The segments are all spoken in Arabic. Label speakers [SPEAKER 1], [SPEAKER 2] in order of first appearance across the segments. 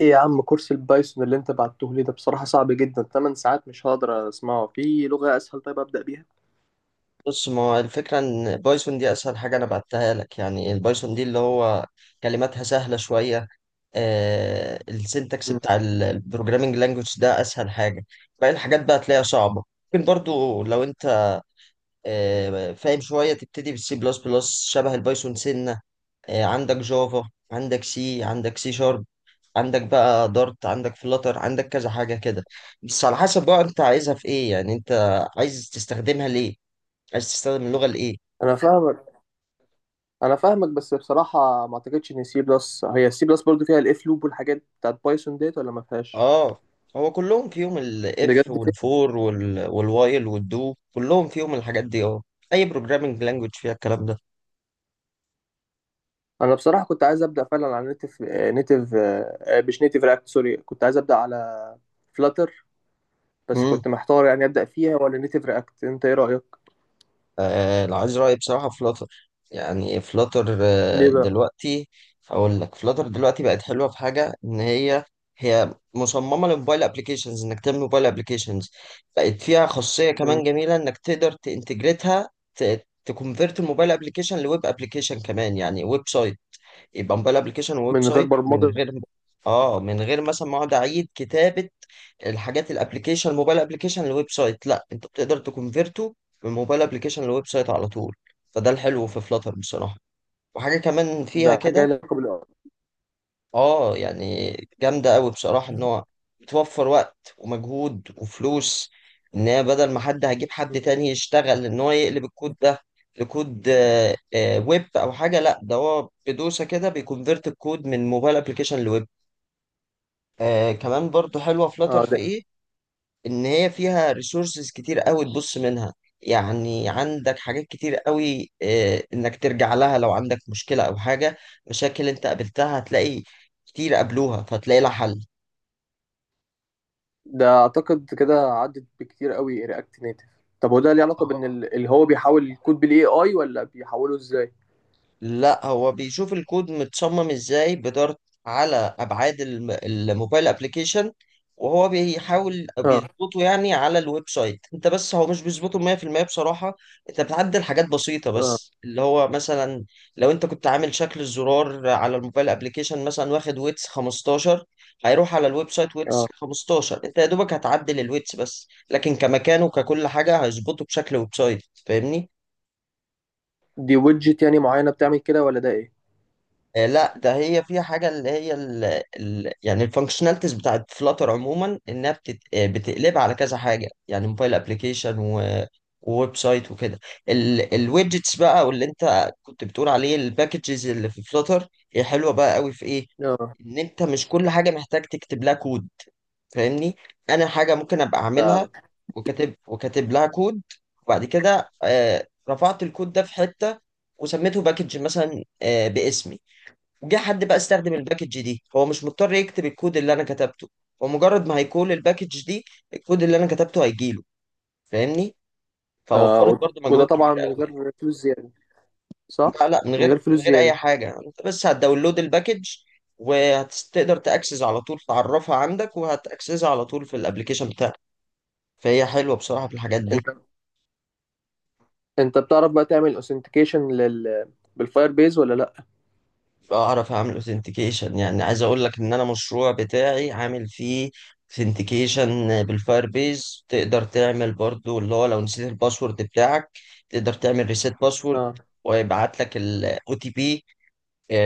[SPEAKER 1] ايه يا عم، كورس البايثون اللي انت بعته لي ده بصراحة صعب جدا. 8 ساعات مش هقدر اسمعه. في لغة اسهل طيب ابدأ بيها؟
[SPEAKER 2] بص، ما هو الفكرة إن بايثون دي أسهل حاجة أنا بعتها لك، يعني البايثون دي اللي هو كلماتها سهلة شوية. السنتكس
[SPEAKER 1] مم.
[SPEAKER 2] بتاع البروجرامينج لانجوج ده أسهل حاجة. باقي الحاجات بقى تلاقيها صعبة. ممكن برضو لو أنت فاهم شوية، تبتدي بالسي بلس بلس شبه البايثون سنة. عندك جافا، عندك سي، عندك سي شارب، عندك بقى دارت، عندك فلاتر، عندك كذا حاجة كده. بس على حسب بقى أنت عايزها في إيه، يعني أنت عايز تستخدمها ليه؟ عايز تستخدم اللغة لإيه؟
[SPEAKER 1] انا فاهمك انا فاهمك. بس بصراحة ما اعتقدش ان سي بلس هي السي بلس برضو فيها الاف لوب والحاجات بتاعت بايثون، ديت ولا ما فيهاش؟
[SPEAKER 2] اه، هو كلهم فيهم
[SPEAKER 1] بجد
[SPEAKER 2] الاف
[SPEAKER 1] كده؟
[SPEAKER 2] والفور والوايل والدو، كلهم فيهم الحاجات دي، اه. اي بروجرامنج لانجوج فيها الكلام ده.
[SPEAKER 1] انا بصراحة كنت عايز ابدأ فعلا على نيتف نيتف، مش نيتف رياكت، سوري، كنت عايز ابدأ على فلاتر. بس
[SPEAKER 2] امم
[SPEAKER 1] كنت محتار، يعني ابدأ فيها ولا نيتف رياكت؟ انت ايه رأيك؟
[SPEAKER 2] لو عايز رايي بصراحه، فلاتر. يعني فلاتر
[SPEAKER 1] ليه بقى؟
[SPEAKER 2] دلوقتي. هقول لك، فلاتر دلوقتي بقت حلوه في حاجه، ان هي مصممه للموبايل ابلكيشنز، انك تعمل موبايل ابلكيشنز. بقت فيها خاصيه
[SPEAKER 1] مم.
[SPEAKER 2] كمان جميله انك تقدر تنتجريتها. تكونفيرت الموبايل ابلكيشن لويب ابلكيشن كمان، يعني ويب سايت. يبقى موبايل ابلكيشن وويب
[SPEAKER 1] من غير
[SPEAKER 2] سايت من غير.
[SPEAKER 1] برمجة.
[SPEAKER 2] اه، من غير مثلا ما اقعد اعيد كتابه الحاجات، الابلكيشن موبايل ابلكيشن لويب سايت، لا، انت بتقدر تكونفيرته من موبايل ابلكيشن لويب سايت على طول. فده الحلو في فلاتر بصراحه. وحاجه كمان فيها
[SPEAKER 1] ده حاجة لها
[SPEAKER 2] كده،
[SPEAKER 1] علاقة بال.
[SPEAKER 2] اه يعني جامده قوي بصراحه، ان هو بتوفر وقت ومجهود وفلوس. ان هي بدل ما حد هجيب حد تاني يشتغل ان هو يقلب الكود ده لكود، ويب او حاجه، لا ده هو بدوسه كده بيكونفيرت الكود من موبايل ابلكيشن لويب. كمان برضو حلوة فلاتر
[SPEAKER 1] اه.
[SPEAKER 2] في
[SPEAKER 1] ده
[SPEAKER 2] ايه، ان هي فيها ريسورسز كتير قوي تبص منها. يعني عندك حاجات كتير قوي، انك ترجع لها لو عندك مشكلة او حاجة، مشاكل انت قابلتها هتلاقي كتير قابلوها فتلاقي لها حل.
[SPEAKER 1] ده اعتقد كده عدت بكتير قوي رياكت نيتف. طب هو ده ليه علاقه بان اللي هو بيحاول الكود بالاي اي، ولا بيحوله ازاي؟
[SPEAKER 2] لا، هو بيشوف الكود متصمم ازاي بدارت، على ابعاد الموبايل ابلكيشن. وهو بيحاول
[SPEAKER 1] اه.
[SPEAKER 2] بيظبطه، يعني على الويب سايت، انت بس هو مش بيظبطه 100% بصراحة. انت بتعدل حاجات بسيطة
[SPEAKER 1] اه.
[SPEAKER 2] بس، اللي هو مثلا لو انت كنت عامل شكل الزرار على الموبايل ابلكيشن مثلا واخد ويتس 15، هيروح على الويب سايت
[SPEAKER 1] اه.
[SPEAKER 2] ويتس 15، انت يا دوبك هتعدل الويتس بس، لكن كمكان وككل حاجة هيظبطه بشكل ويب سايت، فاهمني؟
[SPEAKER 1] دي ويدجت يعني معينه بتعمل كده، ولا ده ايه؟
[SPEAKER 2] لا، ده هي فيها حاجة اللي هي ال، يعني الفانكشناليتيز بتاعت فلاتر عموما، انها بتت آه، بتقلبها على كذا حاجة، يعني موبايل ابلكيشن وويب سايت وكده. الويدجتس بقى واللي انت كنت بتقول عليه الباكجز اللي في فلاتر، هي حلوة بقى قوي في ايه،
[SPEAKER 1] اه.
[SPEAKER 2] ان انت مش كل حاجة محتاج تكتب لها كود، فاهمني؟ انا حاجة ممكن ابقى اعملها
[SPEAKER 1] فعلا.
[SPEAKER 2] وكاتب لها كود، وبعد كده رفعت الكود ده في حتة وسميته باكج مثلا باسمي. جه حد بقى استخدم الباكج دي، هو مش مضطر يكتب الكود اللي انا كتبته، هو مجرد ما هيكول الباكج دي، الكود اللي انا كتبته هيجيله، فاهمني؟
[SPEAKER 1] آه.
[SPEAKER 2] فوفرت برضو
[SPEAKER 1] وده
[SPEAKER 2] مجهود كبير
[SPEAKER 1] طبعا من
[SPEAKER 2] قوي.
[SPEAKER 1] غير فلوس زياده، صح؟
[SPEAKER 2] لا، لا، من
[SPEAKER 1] من
[SPEAKER 2] غير
[SPEAKER 1] غير فلوس
[SPEAKER 2] من غير اي
[SPEAKER 1] زياده.
[SPEAKER 2] حاجه، انت بس هتداونلود الباكج وهتقدر تاكسس على طول، تعرفها عندك وهتاكسسها على طول في الابليكيشن بتاعك. فهي حلوه بصراحه في الحاجات دي.
[SPEAKER 1] انت انت بتعرف بقى تعمل اوثنتيكيشن لل بالفاير بيز، ولا لا؟
[SPEAKER 2] اعرف اعمل اوثنتيكيشن، يعني عايز اقول لك ان انا مشروع بتاعي عامل فيه اوثنتيكيشن بالفاير بيز، تقدر تعمل برضو اللي هو لو نسيت الباسورد بتاعك تقدر تعمل ريسيت باسورد،
[SPEAKER 1] اه.
[SPEAKER 2] ويبعت لك الاو تي بي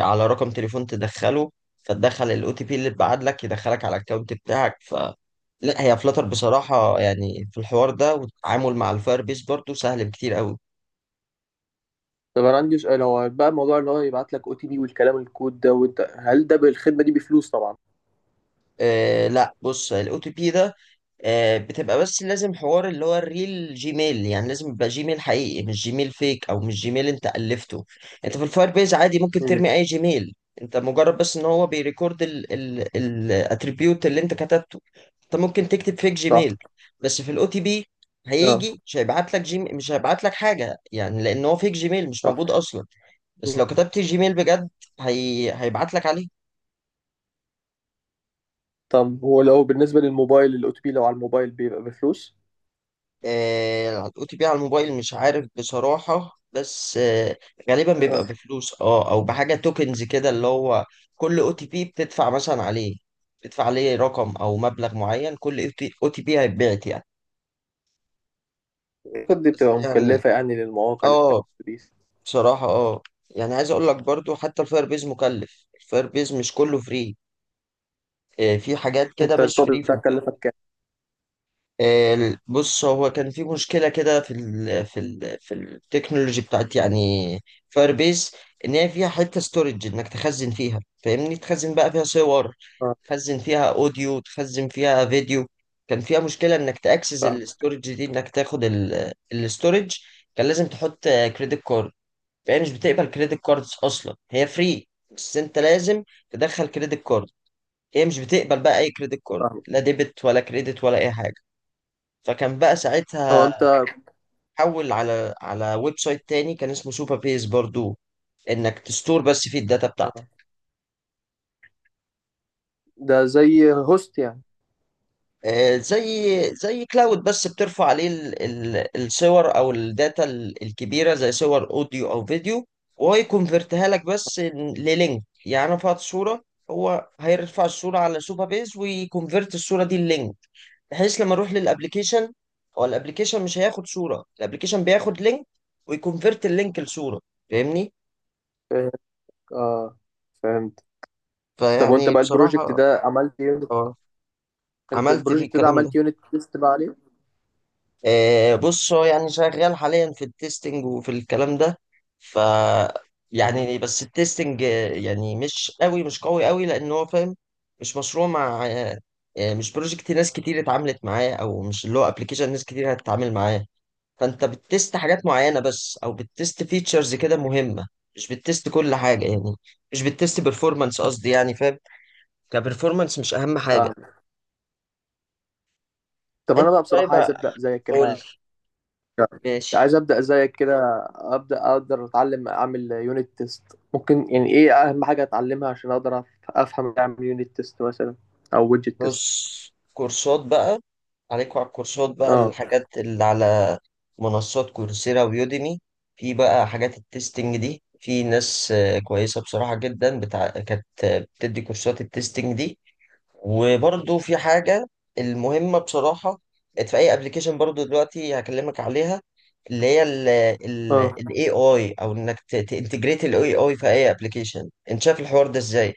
[SPEAKER 2] على رقم تليفون تدخله، فتدخل الاو تي بي اللي اتبعت لك يدخلك على الاكونت بتاعك. لا هي فلتر بصراحة، يعني في الحوار ده والتعامل مع الفاير بيز برضو سهل بكتير قوي.
[SPEAKER 1] طب انا عندي سؤال، هو بقى الموضوع اللي هو يبعت لك او تي بي والكلام الكود ده، وانت هل ده بالخدمه دي بفلوس طبعا؟
[SPEAKER 2] آه، لا، بص الاو تي بي ده بتبقى، بس لازم حوار اللي هو الريل جيميل، يعني لازم يبقى جيميل حقيقي، مش جيميل فيك او مش جيميل انت الفته. انت في الفاير بيز عادي ممكن
[SPEAKER 1] مم.
[SPEAKER 2] ترمي اي جيميل، انت مجرد بس ان هو بيريكورد الاتريبيوت اللي انت كتبته. انت ممكن تكتب فيك
[SPEAKER 1] صح.
[SPEAKER 2] جيميل، بس في الاو تي بي
[SPEAKER 1] اه.
[SPEAKER 2] هيجي مش هيبعت لك جيميل، مش هيبعت لك حاجه، يعني لان هو فيك جيميل مش
[SPEAKER 1] صح.
[SPEAKER 2] موجود اصلا. بس لو كتبت جيميل بجد، هيبعت لك عليه.
[SPEAKER 1] طب هو لو بالنسبة للموبايل الأو تي بي، لو على الموبايل بيبقى بفلوس؟
[SPEAKER 2] هتقطي بيه على الموبايل مش عارف بصراحة، بس غالبا بيبقى
[SPEAKER 1] آه،
[SPEAKER 2] بفلوس، اه، او بحاجة توكنز كده اللي هو كل او تي بي بتدفع مثلا عليه، بتدفع عليه رقم او مبلغ معين كل او تي بي هيتبعت يعني.
[SPEAKER 1] الخطوة دي
[SPEAKER 2] بس
[SPEAKER 1] بتبقى
[SPEAKER 2] يعني،
[SPEAKER 1] مكلفة يعني للمواقع اللي بتعمل
[SPEAKER 2] اه،
[SPEAKER 1] دي.
[SPEAKER 2] بصراحة، اه، يعني عايز اقول لك برضو، حتى الفاير بيز مكلف، الفاير بيز مش كله فري، في حاجات كده
[SPEAKER 1] انت
[SPEAKER 2] مش
[SPEAKER 1] الشغل
[SPEAKER 2] فري.
[SPEAKER 1] بتاعك كلفك كام؟
[SPEAKER 2] بص هو كان في مشكلة كده في التكنولوجي بتاعت يعني فاير بيس، ان هي فيها حتة ستورج انك تخزن فيها، فاهمني؟ تخزن بقى فيها صور،
[SPEAKER 1] اه.
[SPEAKER 2] تخزن فيها اوديو، تخزن فيها فيديو. كان فيها مشكلة انك تاكسس
[SPEAKER 1] فاهم.
[SPEAKER 2] الستورج دي، انك تاخد الستورج كان لازم تحط كريدت كارد. فهي مش بتقبل كريدت كاردز، اصلا هي فري بس انت لازم تدخل كريدت كارد. هي مش بتقبل بقى اي كريدت كارد،
[SPEAKER 1] فاهم.
[SPEAKER 2] لا ديبت ولا كريدت ولا اي حاجة. فكان بقى
[SPEAKER 1] هو
[SPEAKER 2] ساعتها
[SPEAKER 1] انت.
[SPEAKER 2] حول على ويب سايت تاني كان اسمه سوبر بيس برضو، انك تستور بس فيه الداتا بتاعتك.
[SPEAKER 1] آه. ده زي هوست يعني.
[SPEAKER 2] زي كلاود، بس بترفع عليه الصور او الداتا الكبيره، زي صور اوديو او فيديو، وهو يكونفرتها لك بس للينك. يعني انا رفعت صوره، هو هيرفع الصوره على سوبر بيس ويكونفرت الصوره دي للينك، بحيث لما اروح للابليكيشن، هو الابليكيشن مش هياخد صوره، الابليكيشن بياخد لينك ويكونفرت اللينك لصوره، فاهمني؟
[SPEAKER 1] فاهم. اه. فهمت. طب وانت
[SPEAKER 2] فيعني
[SPEAKER 1] بقى البروجكت
[SPEAKER 2] بصراحة،
[SPEAKER 1] ده عملت يونت،
[SPEAKER 2] اه،
[SPEAKER 1] انت
[SPEAKER 2] عملت فيه
[SPEAKER 1] البروجكت ده
[SPEAKER 2] الكلام ده.
[SPEAKER 1] عملت يونت تيست بقى عليه؟
[SPEAKER 2] بص هو يعني شغال حاليا في التستنج وفي الكلام ده. ف
[SPEAKER 1] امم
[SPEAKER 2] يعني بس التستنج يعني مش قوي، مش قوي قوي، لأن هو فاهم مش مشروع مع آه، مش بروجكت ناس كتير اتعاملت معاه، أو مش اللي هو ابلكيشن ناس كتير هتتعامل معاه. فأنت بتست حاجات معينة بس، أو بتست فيتشرز كده مهمة، مش بتست كل حاجة يعني، مش بتست بيرفورمانس، قصدي يعني، فاهم؟ كبرفورمانس مش أهم حاجة.
[SPEAKER 1] فاهم. طب انا
[SPEAKER 2] انت
[SPEAKER 1] بقى بصراحة
[SPEAKER 2] طيب،
[SPEAKER 1] عايز ابدأ زي
[SPEAKER 2] قول
[SPEAKER 1] كده،
[SPEAKER 2] لي.
[SPEAKER 1] يعني
[SPEAKER 2] ماشي.
[SPEAKER 1] عايز ابدا زيك كده، ابدا اقدر اتعلم اعمل يونت تيست. ممكن يعني ايه اهم حاجه اتعلمها عشان اقدر افهم اعمل يونت تيست مثلا او ويدجت تيست؟
[SPEAKER 2] بص، كورسات بقى عليكوا، على الكورسات بقى
[SPEAKER 1] اه.
[SPEAKER 2] الحاجات اللي على منصات كورسيرا ويوديمي. في بقى حاجات التستنج دي، في ناس كويسة بصراحة جدا، كانت بتدي كورسات التستنج دي. وبرضو في حاجة المهمة بصراحة، كانت في أي ابلكيشن برضو دلوقتي هكلمك عليها، اللي هي ال ال
[SPEAKER 1] اه.
[SPEAKER 2] ال AI، أو إنك تانتجريت ال AI في أي ابلكيشن، أنت شايف الحوار ده إزاي؟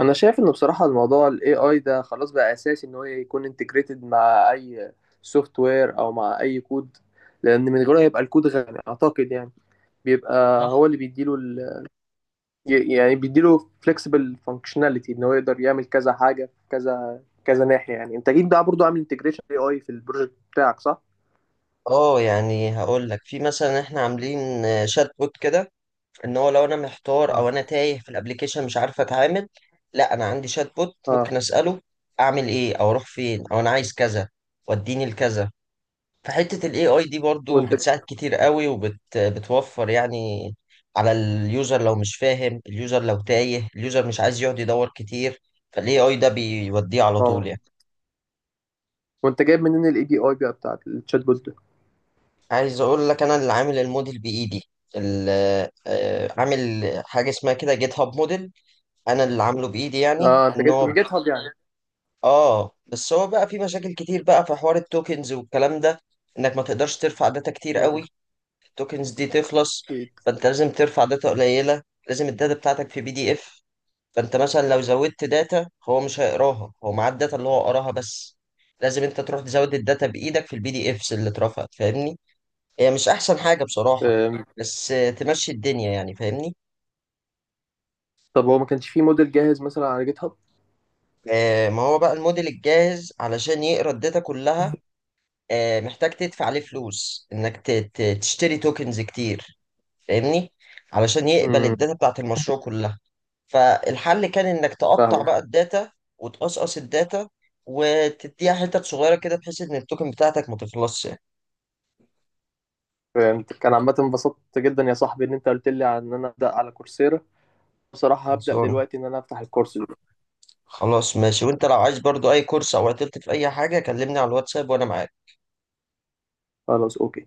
[SPEAKER 1] انا شايف انه بصراحه الموضوع الاي اي ده خلاص بقى اساسي ان هو يكون انتجريتد مع اي سوفت وير او مع اي كود، لان من غيره هيبقى الكود غني اعتقد، يعني بيبقى هو اللي بيديله، يعني بيديله فليكسبل فانكشناليتي ان هو يقدر يعمل كذا حاجه في كذا كذا ناحيه. يعني انت اكيد بقى برضو عامل انتجريشن اي اي في البروجكت بتاعك، صح؟
[SPEAKER 2] اه، يعني هقول لك، في مثلا احنا عاملين شات بوت كده، ان هو لو انا محتار
[SPEAKER 1] اه.
[SPEAKER 2] او انا تايه في الابليكيشن مش عارف اتعامل، لا انا عندي شات بوت
[SPEAKER 1] اه.
[SPEAKER 2] ممكن اساله اعمل ايه، او اروح فين، او انا عايز كذا، وديني لكذا. فحته الاي اي دي برضو
[SPEAKER 1] وانت
[SPEAKER 2] بتساعد كتير قوي بتوفر، يعني على اليوزر لو مش فاهم، اليوزر لو تايه، اليوزر مش عايز يقعد يدور كتير، فالاي اي ده بيوديه على طول
[SPEAKER 1] طبعا،
[SPEAKER 2] يعني.
[SPEAKER 1] وانت جايب منين الاي بي اي بقى بتاعك التشات بوت ده؟
[SPEAKER 2] عايز اقول لك، انا اللي عامل الموديل بايدي، ال- عامل حاجه اسمها كده جيت هاب موديل، انا اللي عامله بايدي، يعني
[SPEAKER 1] اه، انت
[SPEAKER 2] ان
[SPEAKER 1] جبت
[SPEAKER 2] هو
[SPEAKER 1] من جيت هاب يعني.
[SPEAKER 2] اه، بس هو بقى في مشاكل كتير بقى في حوار التوكنز والكلام ده، انك ما تقدرش ترفع داتا كتير قوي،
[SPEAKER 1] آه،
[SPEAKER 2] التوكنز دي تخلص.
[SPEAKER 1] اكيد.
[SPEAKER 2] فانت لازم ترفع داتا قليله، لازم الداتا بتاعتك في بي دي اف. فانت مثلا لو زودت داتا هو مش هيقراها، هو معاه الداتا اللي هو قراها بس، لازم انت تروح تزود الداتا بايدك في البي دي افس اللي اترفعت، فاهمني؟ هي مش احسن حاجه بصراحه،
[SPEAKER 1] آم،
[SPEAKER 2] بس تمشي الدنيا يعني، فاهمني؟
[SPEAKER 1] طب هو ما كانش فيه موديل جاهز مثلا على جيت هاب؟
[SPEAKER 2] ما هو بقى الموديل الجاهز علشان يقرا الداتا كلها محتاج تدفع عليه فلوس، انك تشتري توكنز كتير، فاهمني؟ علشان يقبل
[SPEAKER 1] امم
[SPEAKER 2] الداتا بتاعت المشروع كلها. فالحل كان انك تقطع
[SPEAKER 1] فاهمك.
[SPEAKER 2] بقى الداتا، وتقصقص الداتا وتديها حتت صغيره كده، بحيث ان التوكن بتاعتك ما تخلصش يعني.
[SPEAKER 1] فهمت. كان عامة انبسطت جدا يا صاحبي ان انت قلت لي عن ان انا ابدا على كورسيرا. بصراحة هبدا
[SPEAKER 2] خلصان.
[SPEAKER 1] دلوقتي ان انا افتح الكورس ده.
[SPEAKER 2] خلاص، ماشي، وانت لو عايز برضو اي كورس او عطلت في اي حاجه كلمني على الواتساب وانا معاك.
[SPEAKER 1] خلاص اوكي.